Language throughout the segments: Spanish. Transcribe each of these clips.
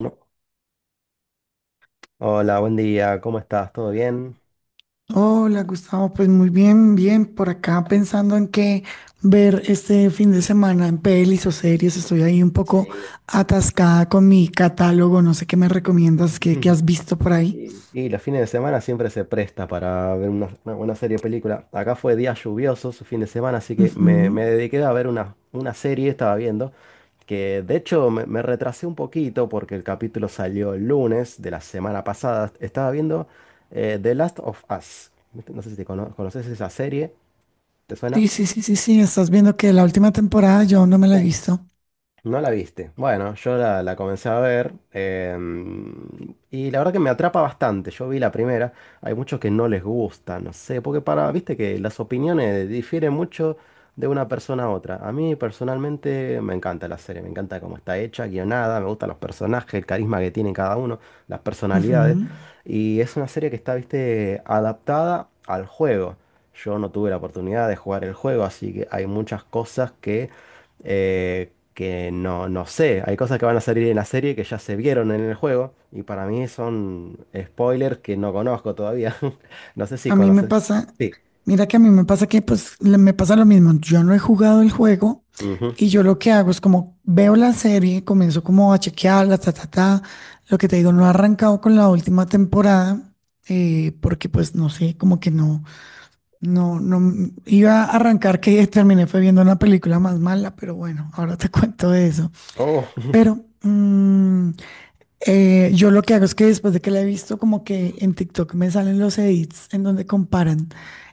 No. Hola, buen día, ¿cómo estás? ¿Todo bien? Hola Gustavo, pues muy bien, bien, por acá pensando en qué ver este fin de semana en pelis o series, estoy ahí un poco Sí. atascada con mi catálogo, no sé qué me recomiendas, qué has visto por ahí. Y los fines de semana siempre se presta para ver una buena serie o película. Acá fue día lluvioso su fin de semana, así que me Ujú. dediqué a ver una serie, estaba viendo, que de hecho me retrasé un poquito porque el capítulo salió el lunes de la semana pasada. Estaba viendo The Last of Us. No sé si conoces esa serie, ¿te Sí, suena? sí, sí, sí, sí, estás viendo que la última temporada yo aún no me la he visto. No la viste. Bueno, yo la comencé a ver, y la verdad que me atrapa bastante. Yo vi la primera. Hay muchos que no les gusta, no sé, porque para, viste que las opiniones difieren mucho de una persona a otra. A mí personalmente me encanta la serie, me encanta cómo está hecha, guionada, me gustan los personajes, el carisma que tiene cada uno, las personalidades. Ujú. Y es una serie que está, viste, adaptada al juego. Yo no tuve la oportunidad de jugar el juego, así que hay muchas cosas que no sé, hay cosas que van a salir en la serie que ya se vieron en el juego y para mí son spoilers que no conozco todavía. No sé si A mí me conoces. pasa, Sí. mira que a mí me pasa que pues me pasa lo mismo. Yo no he jugado el juego Ujú. y yo lo que hago es como veo la serie, comienzo como a chequearla, ta, ta, ta. Lo que te digo, no he arrancado con la última temporada porque pues no sé, como que no, iba a arrancar que terminé fue viendo una película más mala, pero bueno, ahora te cuento de eso. Oh. Pero yo lo que hago es que después de que la he visto, como que en TikTok me salen los edits en donde comparan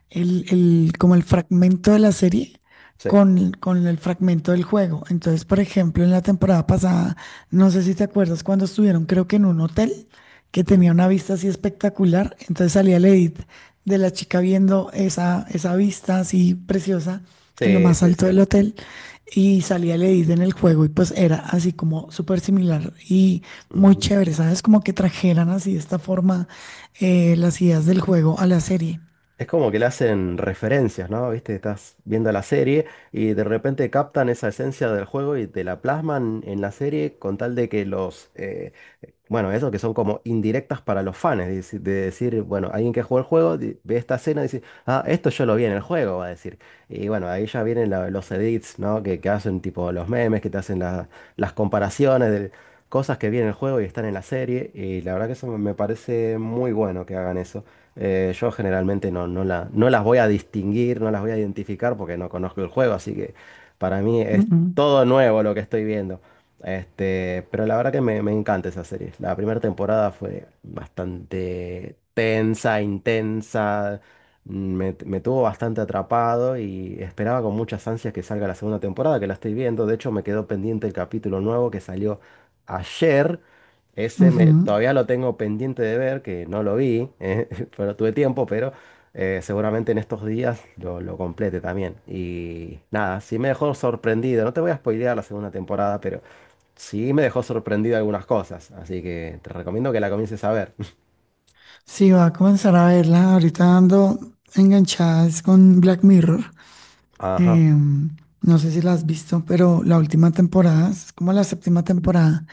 como el fragmento de la serie Sí. con el fragmento del juego. Entonces, por ejemplo, en la temporada pasada, no sé si te acuerdas cuando estuvieron, creo que en un hotel que Mm. tenía una vista así espectacular. Entonces salía el edit de la chica viendo esa vista así preciosa en lo Sí, más sí, alto sí. del hotel y salía el edit en el juego y pues era así como súper similar y muy Ujú. chévere, ¿sabes? Como que trajeran así de esta forma las ideas del juego a la serie. Es como que le hacen referencias, ¿no? Viste, estás viendo la serie y de repente captan esa esencia del juego y te la plasman en la serie con tal de que bueno, eso que son como indirectas para los fans, de decir, bueno, alguien que jugó el juego ve esta escena y dice, ah, esto yo lo vi en el juego, va a decir. Y bueno, ahí ya vienen los edits, ¿no? Que hacen tipo los memes, que te hacen las comparaciones de cosas que vi en el juego y están en la serie y la verdad que eso me parece muy bueno que hagan eso. Yo generalmente no las voy a distinguir, no las voy a identificar porque no conozco el juego, así que para mí es Ujú, todo nuevo lo que estoy viendo. Este, pero la verdad que me encanta esa serie. La primera temporada fue bastante tensa, intensa, me tuvo bastante atrapado y esperaba con muchas ansias que salga la segunda temporada, que la estoy viendo. De hecho, me quedó pendiente el capítulo nuevo que salió ayer, ese ujú. todavía lo tengo pendiente de ver, que no lo vi. Pero tuve tiempo, pero seguramente en estos días lo complete también. Y nada, sí me dejó sorprendido. No te voy a spoilear la segunda temporada, pero sí me dejó sorprendido algunas cosas. Así que te recomiendo que la comiences a ver. Sí, va a comenzar a verla ahorita dando enganchadas con Black Mirror. Ajá. Eh, no sé si la has visto, pero la última temporada, es como la séptima temporada,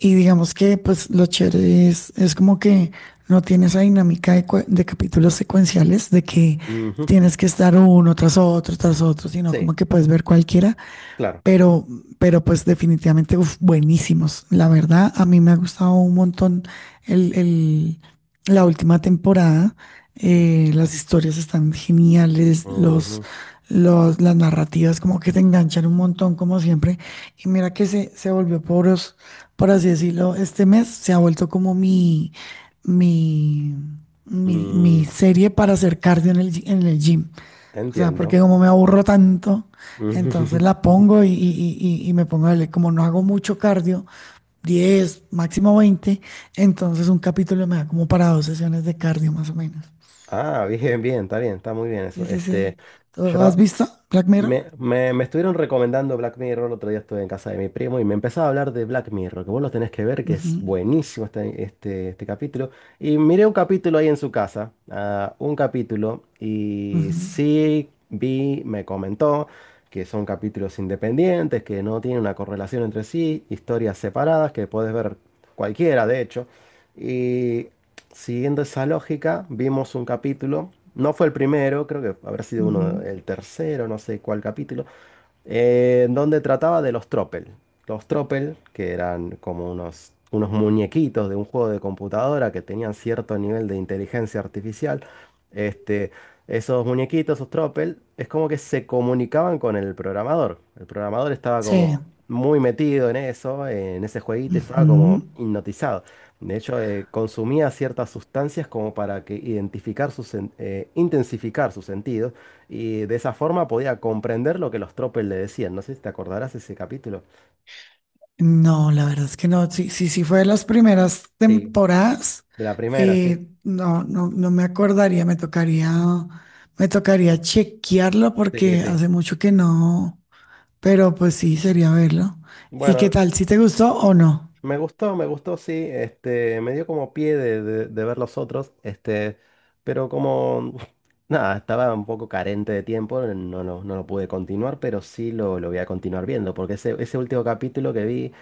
y digamos que pues lo chévere es como que no tiene esa dinámica de capítulos secuenciales, de que Ujú. tienes que estar uno tras otro, sino Sí, como que puedes ver cualquiera claro. pero, pero pues definitivamente, uf, buenísimos. La verdad, a mí me ha gustado un montón el, el- la última temporada. Ujú. Las historias están geniales, las narrativas como que te enganchan un montón, como siempre. Y mira que se volvió por así decirlo, este mes se ha vuelto como mi, mi Mm, serie para hacer cardio en el gym. O sea, porque entiendo. como me aburro tanto, entonces Ujú. la pongo y me pongo a leer. Como no hago mucho cardio, 10 máximo 20 entonces un capítulo me da como para dos sesiones de cardio más o menos. Ah, bien, bien, está muy bien eso. Sí, sí, Este, sí. ¿Tú ¿Has yo visto Black Mirror? me estuvieron recomendando Black Mirror. El otro día estuve en casa de mi primo y me empezaba a hablar de Black Mirror, que vos lo tenés que ver, que es Ujú, buenísimo este capítulo. Y miré un capítulo ahí en su casa, ah, un capítulo, y ujú, sí vi, me comentó que son capítulos independientes, que no tienen una correlación entre sí, historias separadas, que podés ver cualquiera, de hecho. y Siguiendo esa lógica, vimos un capítulo, no fue el primero, creo que habrá sido uno, ujú. el tercero, no sé cuál capítulo, donde trataba de los Tropel. Los Tropel, que eran como unos muñequitos de un juego de computadora que tenían cierto nivel de inteligencia artificial. Este, esos muñequitos, esos Tropel, es como que se comunicaban con el programador. El programador estaba Sí. como muy metido en eso, en ese jueguito, y estaba Ujú. como hipnotizado. De hecho, consumía ciertas sustancias como para que identificar intensificar sus sentidos y de esa forma podía comprender lo que los tropes le decían. No sé si te acordarás ese capítulo. No, la verdad es que no. Sí, sí, sí fue de las primeras Sí, temporadas. de la primera, sí. No me acordaría. Me tocaría chequearlo Sí, porque sí. hace mucho que no. Pero pues sí, sería verlo. ¿Y qué Bueno, tal? ¿Si te gustó o no? me gustó, me gustó, sí. Este, me dio como pie de, de ver los otros. Este, pero como nada, estaba un poco carente de tiempo, no lo pude continuar, pero sí lo voy a continuar viendo. Porque ese último capítulo que vi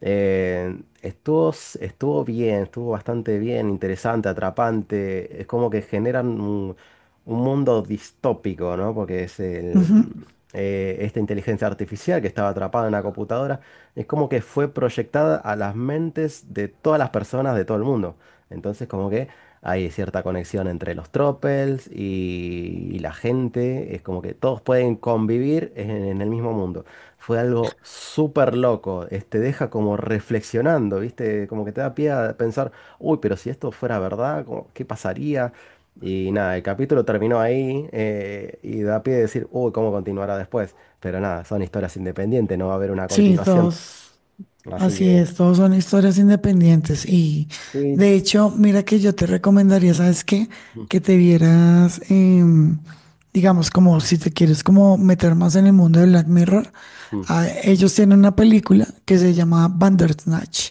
estuvo, estuvo bien, estuvo bastante bien, interesante, atrapante. Es como que generan un mundo distópico, ¿no? Porque Ujú. Esta inteligencia artificial que estaba atrapada en una computadora es como que fue proyectada a las mentes de todas las personas de todo el mundo. Entonces, como que hay cierta conexión entre los tropels y la gente. Es como que todos pueden convivir en el mismo mundo. Fue algo súper loco. Te deja como reflexionando, ¿viste? Como que te da pie a pensar, uy, pero si esto fuera verdad, como, ¿qué pasaría? Y nada, el capítulo terminó ahí, y da pie a decir, uy, ¿cómo continuará después? Pero nada, son historias independientes, no va a haber una Sí, continuación. dos. Así Así que, es, todos son historias independientes y de is- hecho, mira que yo te recomendaría, ¿sabes qué? mm. Que te vieras, digamos, como si te quieres como meter más en el mundo de Black Mirror, Mm. ah, ellos tienen una película que se llama Bandersnatch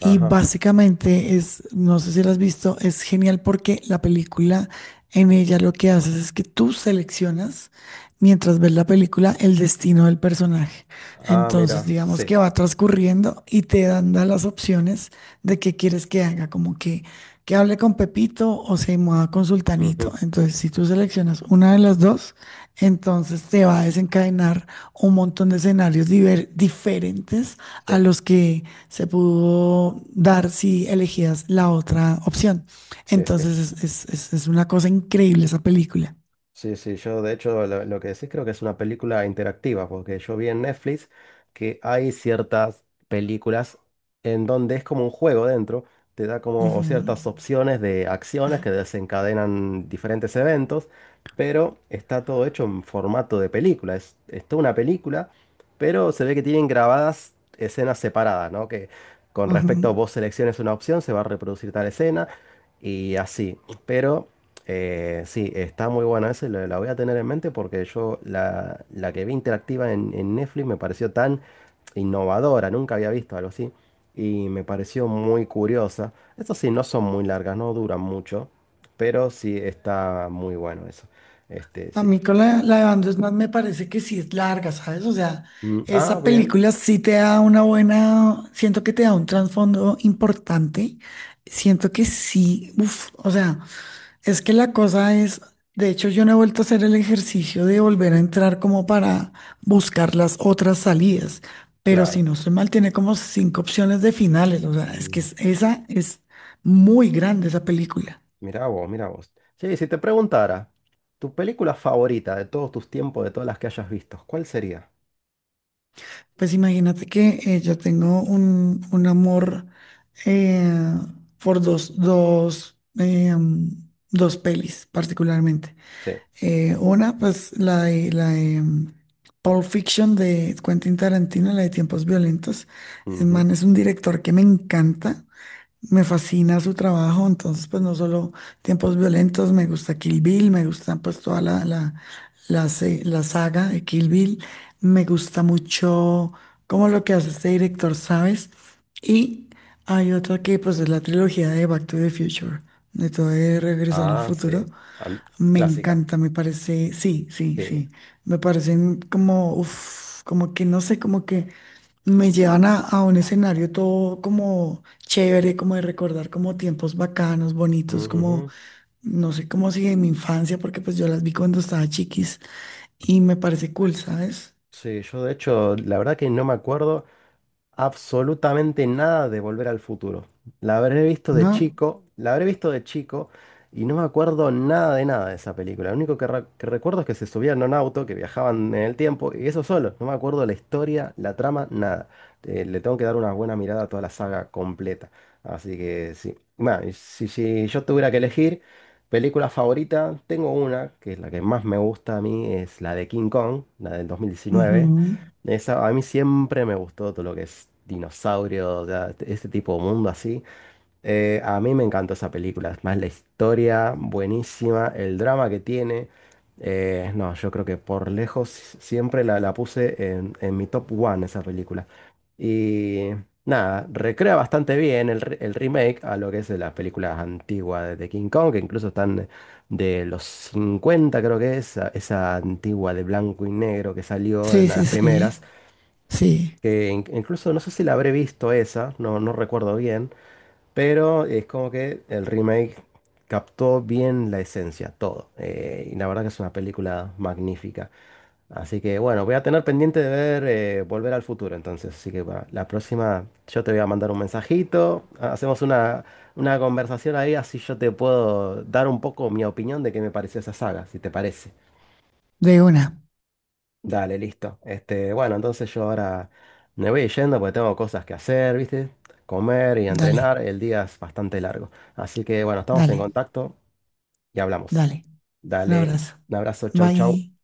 y Ajá. básicamente es, no sé si la has visto, es genial porque la película en ella lo que haces es que tú seleccionas mientras ves la película el destino del personaje. Ah, Entonces, mira, digamos sí. que va transcurriendo y te dan da las opciones de qué quieres que haga, como que hable con Pepito o se mueva con Sultanito. Ujú. Entonces, si tú seleccionas una de las dos, entonces te va a desencadenar un montón de escenarios diferentes Sí, a los que se pudo dar si elegías la otra opción. sí, sí. Entonces, es una cosa increíble esa película. Sí, sí, yo de hecho lo que decís creo que es una película interactiva, porque yo vi en Netflix que hay ciertas películas en donde es como un juego dentro, te da como Ujú, ciertas opciones de acciones que desencadenan diferentes eventos, pero está todo hecho en formato de película, es toda una película, pero se ve que tienen grabadas escenas separadas, ¿no? Que con respecto a ujú. vos selecciones una opción, se va a reproducir tal escena y así, pero... sí, está muy buena esa, y la voy a tener en mente porque yo la que vi interactiva en Netflix me pareció tan innovadora, nunca había visto algo así y me pareció muy curiosa. Eso sí, no son muy largas, no duran mucho, pero sí está muy bueno eso. Este, A sí. mí con la de Van der me parece que sí es larga, ¿sabes? O sea, Mm, ah, esa bien, película sí te da una buena, siento que te da un trasfondo importante, siento que sí, uff, o sea, es que la cosa es, de hecho yo no he vuelto a hacer el ejercicio de volver a entrar como para buscar las otras salidas, pero si claro. no estoy mal, tiene como cinco opciones de finales, o sea, es que Mm, esa es muy grande esa película. mirá vos, mirá vos. Sí, si te preguntara, tu película favorita de todos tus tiempos, de todas las que hayas visto, ¿cuál sería? Pues imagínate que yo tengo un amor eh, por dos pelis particularmente. Sí. Una, pues la de, la de Pulp Fiction de Quentin Tarantino, la de Tiempos Violentos. El man es un director que me encanta. Me fascina su trabajo, entonces pues no solo Tiempos Violentos, me gusta Kill Bill, me gusta pues toda la saga de Kill Bill, me gusta mucho como lo que hace este director, ¿sabes? Y hay otra que pues es la trilogía de Back to the Future, de todo de Regresar al Ah, sí. Futuro. An- Me Clásica. encanta, me parece, sí, sí, Sí. sí, me parecen como, uf, como que no sé, como que me llevan a un escenario todo como chévere, como de recordar como tiempos bacanos, bonitos, como, Ujú. no sé, como si de mi infancia, porque pues yo las vi cuando estaba chiquis y me parece cool, ¿sabes? Sí, yo de hecho, la verdad que no me acuerdo absolutamente nada de Volver al Futuro. La habré visto de ¿No? chico, la habré visto de chico y no me acuerdo nada de nada de esa película. Lo único que, que recuerdo es que se subían a un auto, que viajaban en el tiempo y eso solo. No me acuerdo la historia, la trama, nada. Le tengo que dar una buena mirada a toda la saga completa. Así que sí. Bueno, y si, si yo tuviera que elegir película favorita, tengo una, que es la que más me gusta a mí, es la de King Kong, la del 2019. Ujú. Esa, a mí siempre me gustó todo lo que es dinosaurio, o sea, este tipo de mundo así. A mí me encantó esa película, es más la historia buenísima, el drama que tiene. No, yo creo que por lejos siempre la puse en mi top one esa película. Y nada, recrea bastante bien el remake a lo que es de las películas antiguas de King Kong, que incluso están de los 50 creo que es, esa antigua de blanco y negro que salió Sí, en sí, las sí, primeras sí, que incluso no sé si la habré visto esa, no, no recuerdo bien, pero es como que el remake captó bien la esencia, todo. Y la verdad que es una película magnífica. Así que bueno, voy a tener pendiente de ver, Volver al Futuro entonces. Así que para la próxima yo te voy a mandar un mensajito, hacemos una conversación ahí, así yo te puedo dar un poco mi opinión de qué me pareció esa saga, si te parece. de una, Dale, listo. Este, bueno, entonces yo ahora me voy yendo porque tengo cosas que hacer, ¿viste? Comer y dale, entrenar. El día es bastante largo. Así que bueno, estamos en dale, contacto y hablamos. dale, un Dale, abrazo, un abrazo, chau, chau. bye.